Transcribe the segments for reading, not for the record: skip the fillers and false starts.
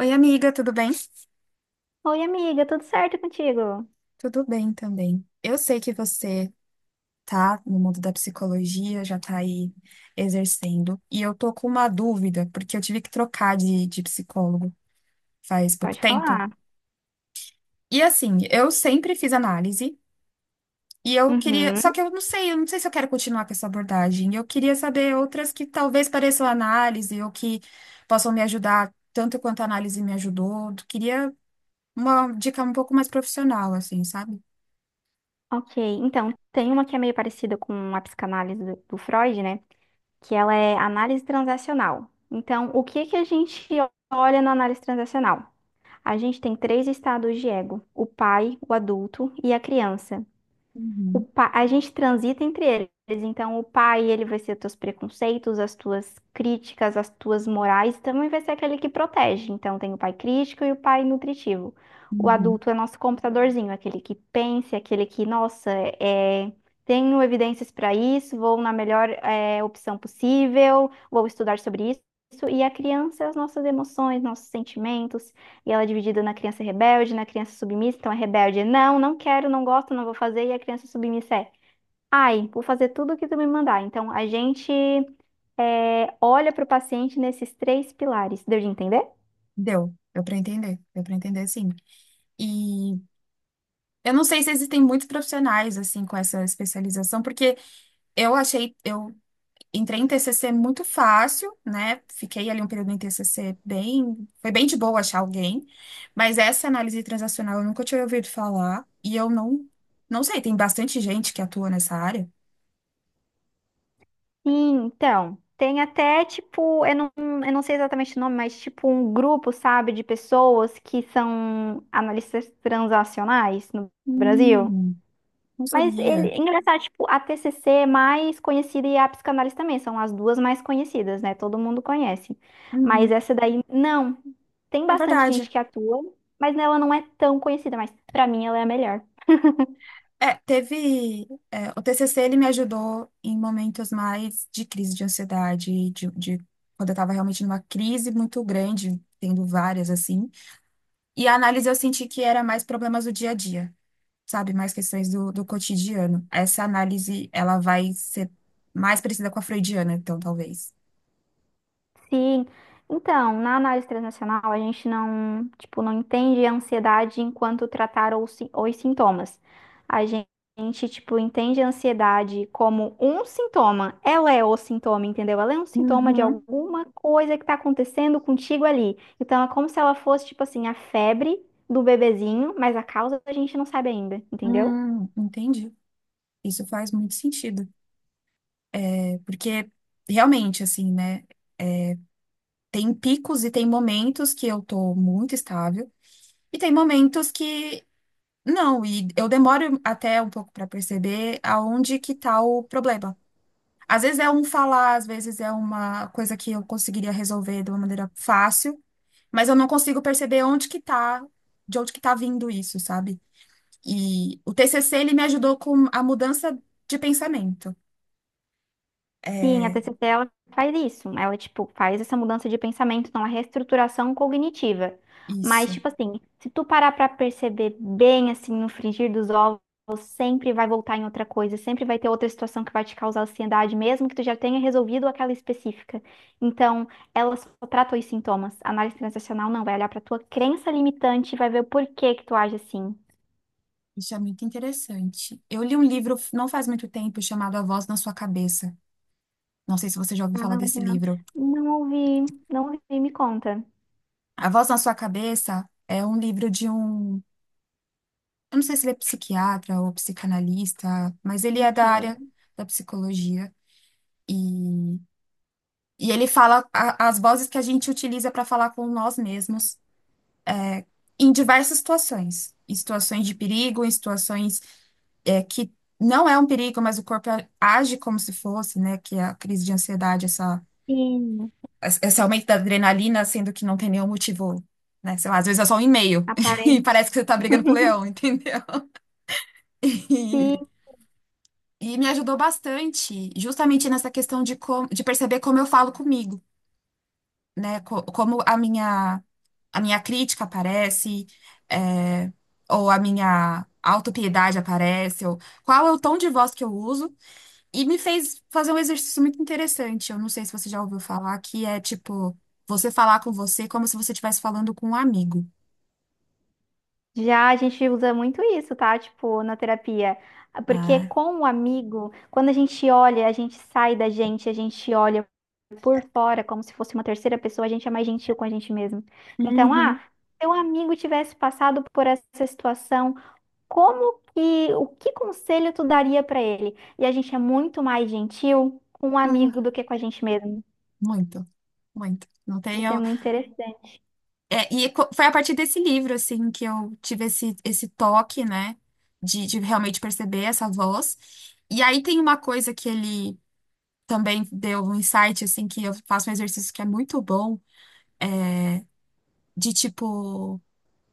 Oi, amiga, tudo bem? Oi, amiga, tudo certo contigo? Tudo bem também. Eu sei que você tá no mundo da psicologia, já tá aí exercendo, e eu tô com uma dúvida, porque eu tive que trocar de psicólogo faz pouco Pode tempo. falar. E assim, eu sempre fiz análise, e eu queria. Só Uhum, que eu não sei se eu quero continuar com essa abordagem. Eu queria saber outras que talvez pareçam análise, ou que possam me ajudar tanto quanto a análise me ajudou. Queria uma dica um pouco mais profissional, assim, sabe? ok. Então, tem uma que é meio parecida com a psicanálise do Freud, né? Que ela é análise transacional. Então, o que que a gente olha na análise transacional? A gente tem três estados de ego: o pai, o adulto e a criança. Uhum, A gente transita entre eles. Então, o pai, ele vai ser teus preconceitos, as tuas críticas, as tuas morais, também vai ser aquele que protege. Então, tem o pai crítico e o pai nutritivo. O uhum. adulto é nosso computadorzinho, aquele que pensa, aquele que, nossa, é, tenho evidências para isso, vou na melhor, opção possível, vou estudar sobre isso. E a criança, as nossas emoções, nossos sentimentos. E ela é dividida na criança rebelde, na criança submissa. Então a rebelde é não, não quero, não gosto, não vou fazer. E a criança submissa é ai, vou fazer tudo o que tu me mandar. Então a gente olha para o paciente nesses três pilares. Deu de entender? Deu, deu para entender sim. E eu não sei se existem muitos profissionais assim com essa especialização, porque eu achei, eu entrei em TCC muito fácil, né? Fiquei ali um período em TCC bem, foi bem de boa achar alguém, mas essa análise transacional eu nunca tinha ouvido falar e eu não, não sei, tem bastante gente que atua nessa área. Sim, então. Tem até, tipo, eu não sei exatamente o nome, mas tipo um grupo, sabe, de pessoas que são analistas transacionais no Brasil. Hum, não Mas ele, sabia. é engraçado, tipo, a TCC é mais conhecida e a psicanálise também, são as duas mais conhecidas, né? Todo mundo conhece. Mas Uhum. essa daí, não. Tem É bastante gente verdade. que atua, mas ela não é tão conhecida, mas pra mim ela é a melhor. É, teve. É, o TCC ele me ajudou em momentos mais de crise de ansiedade, quando eu estava realmente numa crise muito grande, tendo várias assim. E a análise eu senti que era mais problemas do dia a dia, sabe? Mais questões do cotidiano. Essa análise ela vai ser mais parecida com a freudiana, então, talvez. Sim. Então, na análise transacional, a gente não, tipo, não entende a ansiedade enquanto tratar os sintomas. A gente, tipo, entende a ansiedade como um sintoma. Ela é o sintoma, entendeu? Ela é um sintoma de Uhum. alguma coisa que tá acontecendo contigo ali. Então, é como se ela fosse, tipo assim, a febre do bebezinho, mas a causa a gente não sabe ainda, entendeu? Entendi. Isso faz muito sentido. É, porque realmente, assim, né? Tem picos e tem momentos que eu tô muito estável e tem momentos que não, e eu demoro até um pouco para perceber aonde que tá o problema. Às vezes é um falar, às vezes é uma coisa que eu conseguiria resolver de uma maneira fácil, mas eu não consigo perceber onde que tá, de onde que tá vindo isso, sabe? E o TCC ele me ajudou com a mudança de pensamento. Sim, a É TCC ela faz isso. Ela, tipo, faz essa mudança de pensamento, então, a reestruturação cognitiva. Mas, isso. tipo assim, se tu parar pra perceber bem, assim, no frigir dos ovos, sempre vai voltar em outra coisa, sempre vai ter outra situação que vai te causar ansiedade, mesmo que tu já tenha resolvido aquela específica. Então, ela só trata os sintomas. A análise transacional não vai olhar pra tua crença limitante e vai ver o porquê que tu age assim. Isso é muito interessante. Eu li um livro não faz muito tempo chamado A Voz na Sua Cabeça. Não sei se você já ouviu falar Ah, desse legal. livro. Não ouvi, não ouvi, me conta. A Voz na Sua Cabeça é um livro de um. Eu não sei se ele é psiquiatra ou psicanalista, mas ele é da área Ok. da psicologia. E, e ele fala as vozes que a gente utiliza para falar com nós mesmos em diversas situações. Em situações de perigo, em situações que não é um perigo, mas o corpo age como se fosse, né? Que é a crise de ansiedade, Sim. esse aumento da adrenalina, sendo que não tem nenhum motivo, né? Sei lá, às vezes é só um e-mail e parece Aparente. que você tá brigando com o leão, entendeu? E, Sim, e me ajudou bastante, justamente nessa questão de, como, de perceber como eu falo comigo, né? Como a minha crítica aparece, é, ou a minha autopiedade aparece, ou qual é o tom de voz que eu uso. E me fez fazer um exercício muito interessante. Eu não sei se você já ouviu falar, que é tipo, você falar com você como se você estivesse falando com um amigo. já a gente usa muito isso, tá? Tipo, na terapia. Porque É. com o amigo, quando a gente olha, a gente sai da gente, a gente olha por fora como se fosse uma terceira pessoa, a gente é mais gentil com a gente mesmo. Então, ah, Uhum. se o amigo tivesse passado por essa situação, como que, o que conselho tu daria pra ele? E a gente é muito mais gentil com o Hum, amigo do que com a gente mesmo. muito, muito. Não tem Isso é eu... muito interessante. É, e foi a partir desse livro, assim, que eu tive esse, esse toque, né? De realmente perceber essa voz. E aí tem uma coisa que ele também deu um insight, assim, que eu faço um exercício que é muito bom, de tipo,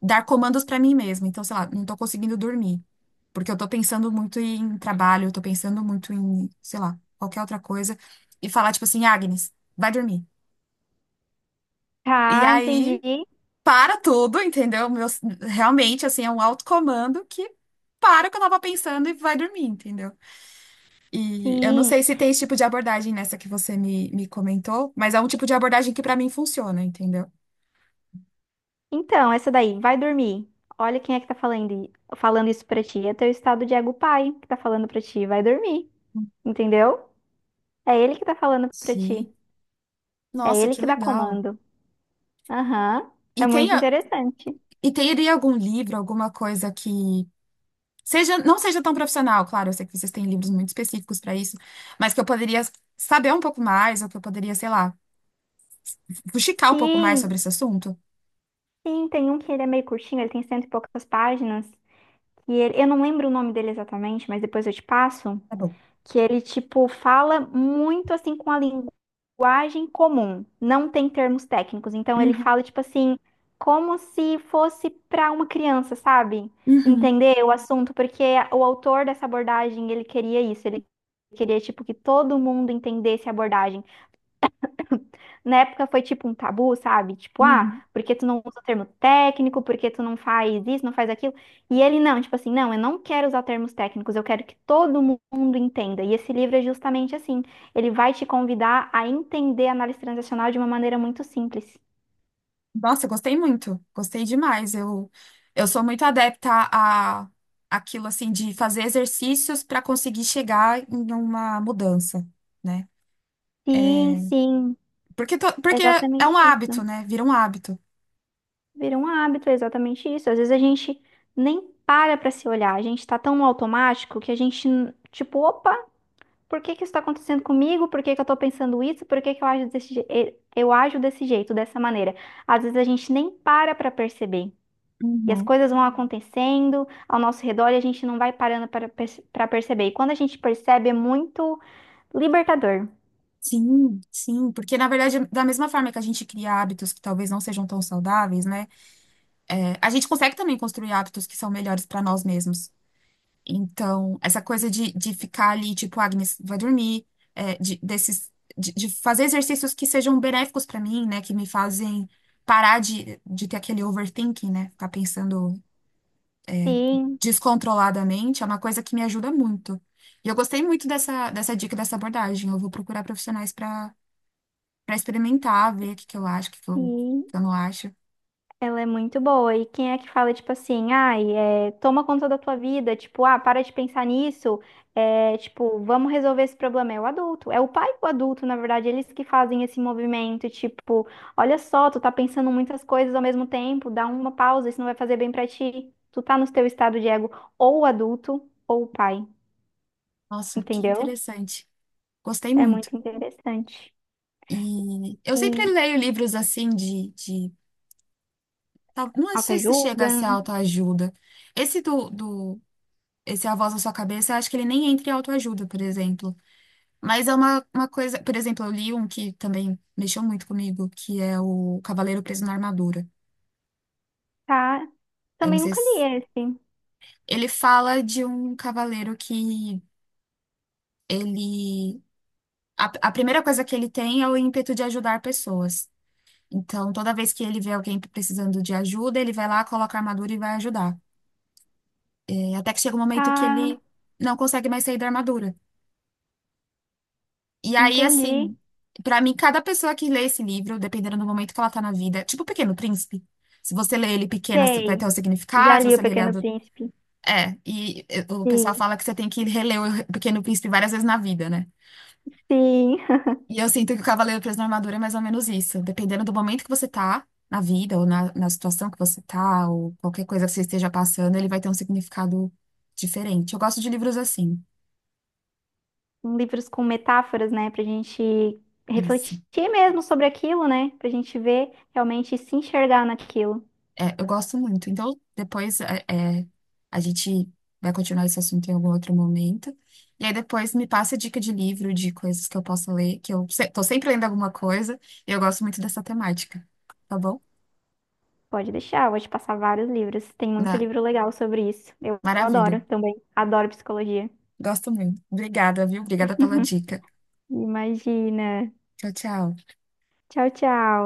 dar comandos pra mim mesma. Então, sei lá, não tô conseguindo dormir. Porque eu tô pensando muito em trabalho, eu tô pensando muito em, sei lá, qualquer outra coisa. E falar, tipo assim, Agnes, vai dormir. E Ah, aí, entendi. para tudo, entendeu? Meu, realmente, assim, é um autocomando que para o que eu tava pensando e vai dormir, entendeu? E eu não Sim. sei se tem esse tipo de abordagem nessa que você me comentou, mas é um tipo de abordagem que pra mim funciona, entendeu? Então, essa daí, vai dormir. Olha quem é que tá falando, falando isso pra ti. É teu estado de ego pai que tá falando pra ti. Vai dormir. Entendeu? É ele que tá falando pra ti. Sim. É Nossa, ele que que dá legal. comando. Aham. E É tem, muito interessante. e teria algum livro, alguma coisa que seja, não seja tão profissional, claro, eu sei que vocês têm livros muito específicos para isso, mas que eu poderia saber um pouco mais, ou que eu poderia, sei lá, fuxicar um pouco mais Sim, sobre esse assunto. sim, tem um que ele é meio curtinho, ele tem cento e poucas páginas. E ele, eu não lembro o nome dele exatamente, mas depois eu te passo. Tá bom. Que ele, tipo, fala muito assim com a linguagem comum, não tem termos técnicos. Então ele Uhum, fala, tipo assim, como se fosse para uma criança, sabe? uhum, Entender o assunto, porque o autor dessa abordagem, ele queria isso, ele queria, tipo, que todo mundo entendesse a abordagem. Na época foi tipo um tabu, sabe? Tipo, ah, uhum. por que tu não usa o termo técnico? Por que tu não faz isso, não faz aquilo? E ele não, tipo assim, não, eu não quero usar termos técnicos, eu quero que todo mundo entenda. E esse livro é justamente assim, ele vai te convidar a entender a análise transacional de uma maneira muito simples. Nossa, eu gostei muito, gostei demais. Eu sou muito adepta a aquilo assim de fazer exercícios para conseguir chegar em uma mudança, né? Sim, sim, Porque, porque é um exatamente hábito, isso. né? Vira um hábito. Vira um hábito, é exatamente isso. Às vezes a gente nem para pra se olhar, a gente tá tão no automático que a gente, tipo, opa, por que que isso está acontecendo comigo? Por que que eu estou pensando isso? Por que que eu ajo eu ajo desse jeito, dessa maneira? Às vezes a gente nem para para perceber. E as Uhum. coisas vão acontecendo ao nosso redor e a gente não vai parando para pra perceber. E quando a gente percebe, é muito libertador. Sim, sim, porque na verdade, da mesma forma que a gente cria hábitos que talvez não sejam tão saudáveis, né? É, a gente consegue também construir hábitos que são melhores para nós mesmos. Então, essa coisa de ficar ali, tipo, "Ah, Agnes, vai dormir, é, de, desses, de fazer exercícios que sejam benéficos para mim, né? Que me fazem parar de ter aquele overthinking, né? Ficar pensando Sim, descontroladamente, é uma coisa que me ajuda muito. E eu gostei muito dessa, dessa dica, dessa abordagem. Eu vou procurar profissionais para experimentar, ver o que que eu acho, o que que eu, o sim. que eu não acho. Ela é muito boa. E quem é que fala, tipo assim, ai, toma conta da tua vida, tipo, ah, para de pensar nisso, tipo, vamos resolver esse problema. É o adulto, é o pai e o adulto, na verdade, eles que fazem esse movimento, tipo, olha só, tu tá pensando muitas coisas ao mesmo tempo, dá uma pausa, isso não vai fazer bem pra ti. Tu tá no teu estado de ego, ou o adulto, ou o pai, Nossa, que entendeu? interessante. Gostei É muito. muito interessante. E eu sempre E leio livros assim de... Não sei se chega a autoajuda, ser autoajuda. Esse do, do... Esse A Voz na Sua Cabeça, eu acho que ele nem entra em autoajuda, por exemplo. Mas é uma coisa... Por exemplo, eu li um que também mexeu muito comigo, que é o Cavaleiro Preso na Armadura. tá? Eu não Também sei nunca li se... esse, Ele fala de um cavaleiro que ele a primeira coisa que ele tem é o ímpeto de ajudar pessoas. Então, toda vez que ele vê alguém precisando de ajuda, ele vai lá, coloca a armadura e vai ajudar. É, até que chega um momento que tá? ele não consegue mais sair da armadura. E aí, Entendi. assim, pra mim, cada pessoa que lê esse livro, dependendo do momento que ela tá na vida, tipo o Pequeno Príncipe. Se você lê ele pequena, vai ter Sei. um Já significado, se li O você lê ele Pequeno adulto. Príncipe. É, e eh, o pessoal Sim, fala que você tem que reler o Pequeno Príncipe várias vezes na vida, né? sim. E eu sinto que o Cavaleiro Preso na Armadura é mais ou menos isso. Dependendo do momento que você tá na vida, ou na, na situação que você tá, ou qualquer coisa que você esteja passando, ele vai ter um significado diferente. Eu gosto de livros assim. Livros com metáforas, né? Pra gente Isso. refletir mesmo sobre aquilo, né? Pra gente ver realmente e se enxergar naquilo. É, eu gosto muito. Então, depois é, é, a gente vai continuar esse assunto em algum outro momento. E aí depois me passa dica de livro, de coisas que eu possa ler, que eu tô sempre lendo alguma coisa, e eu gosto muito dessa temática. Tá bom? Pode deixar, eu vou te passar vários livros. Tem muito Na- livro legal sobre isso. Eu Maravilha. adoro também. Adoro psicologia. Gosto muito. Obrigada, viu? Obrigada pela dica. Imagina. Tchau, tchau. Tchau, tchau.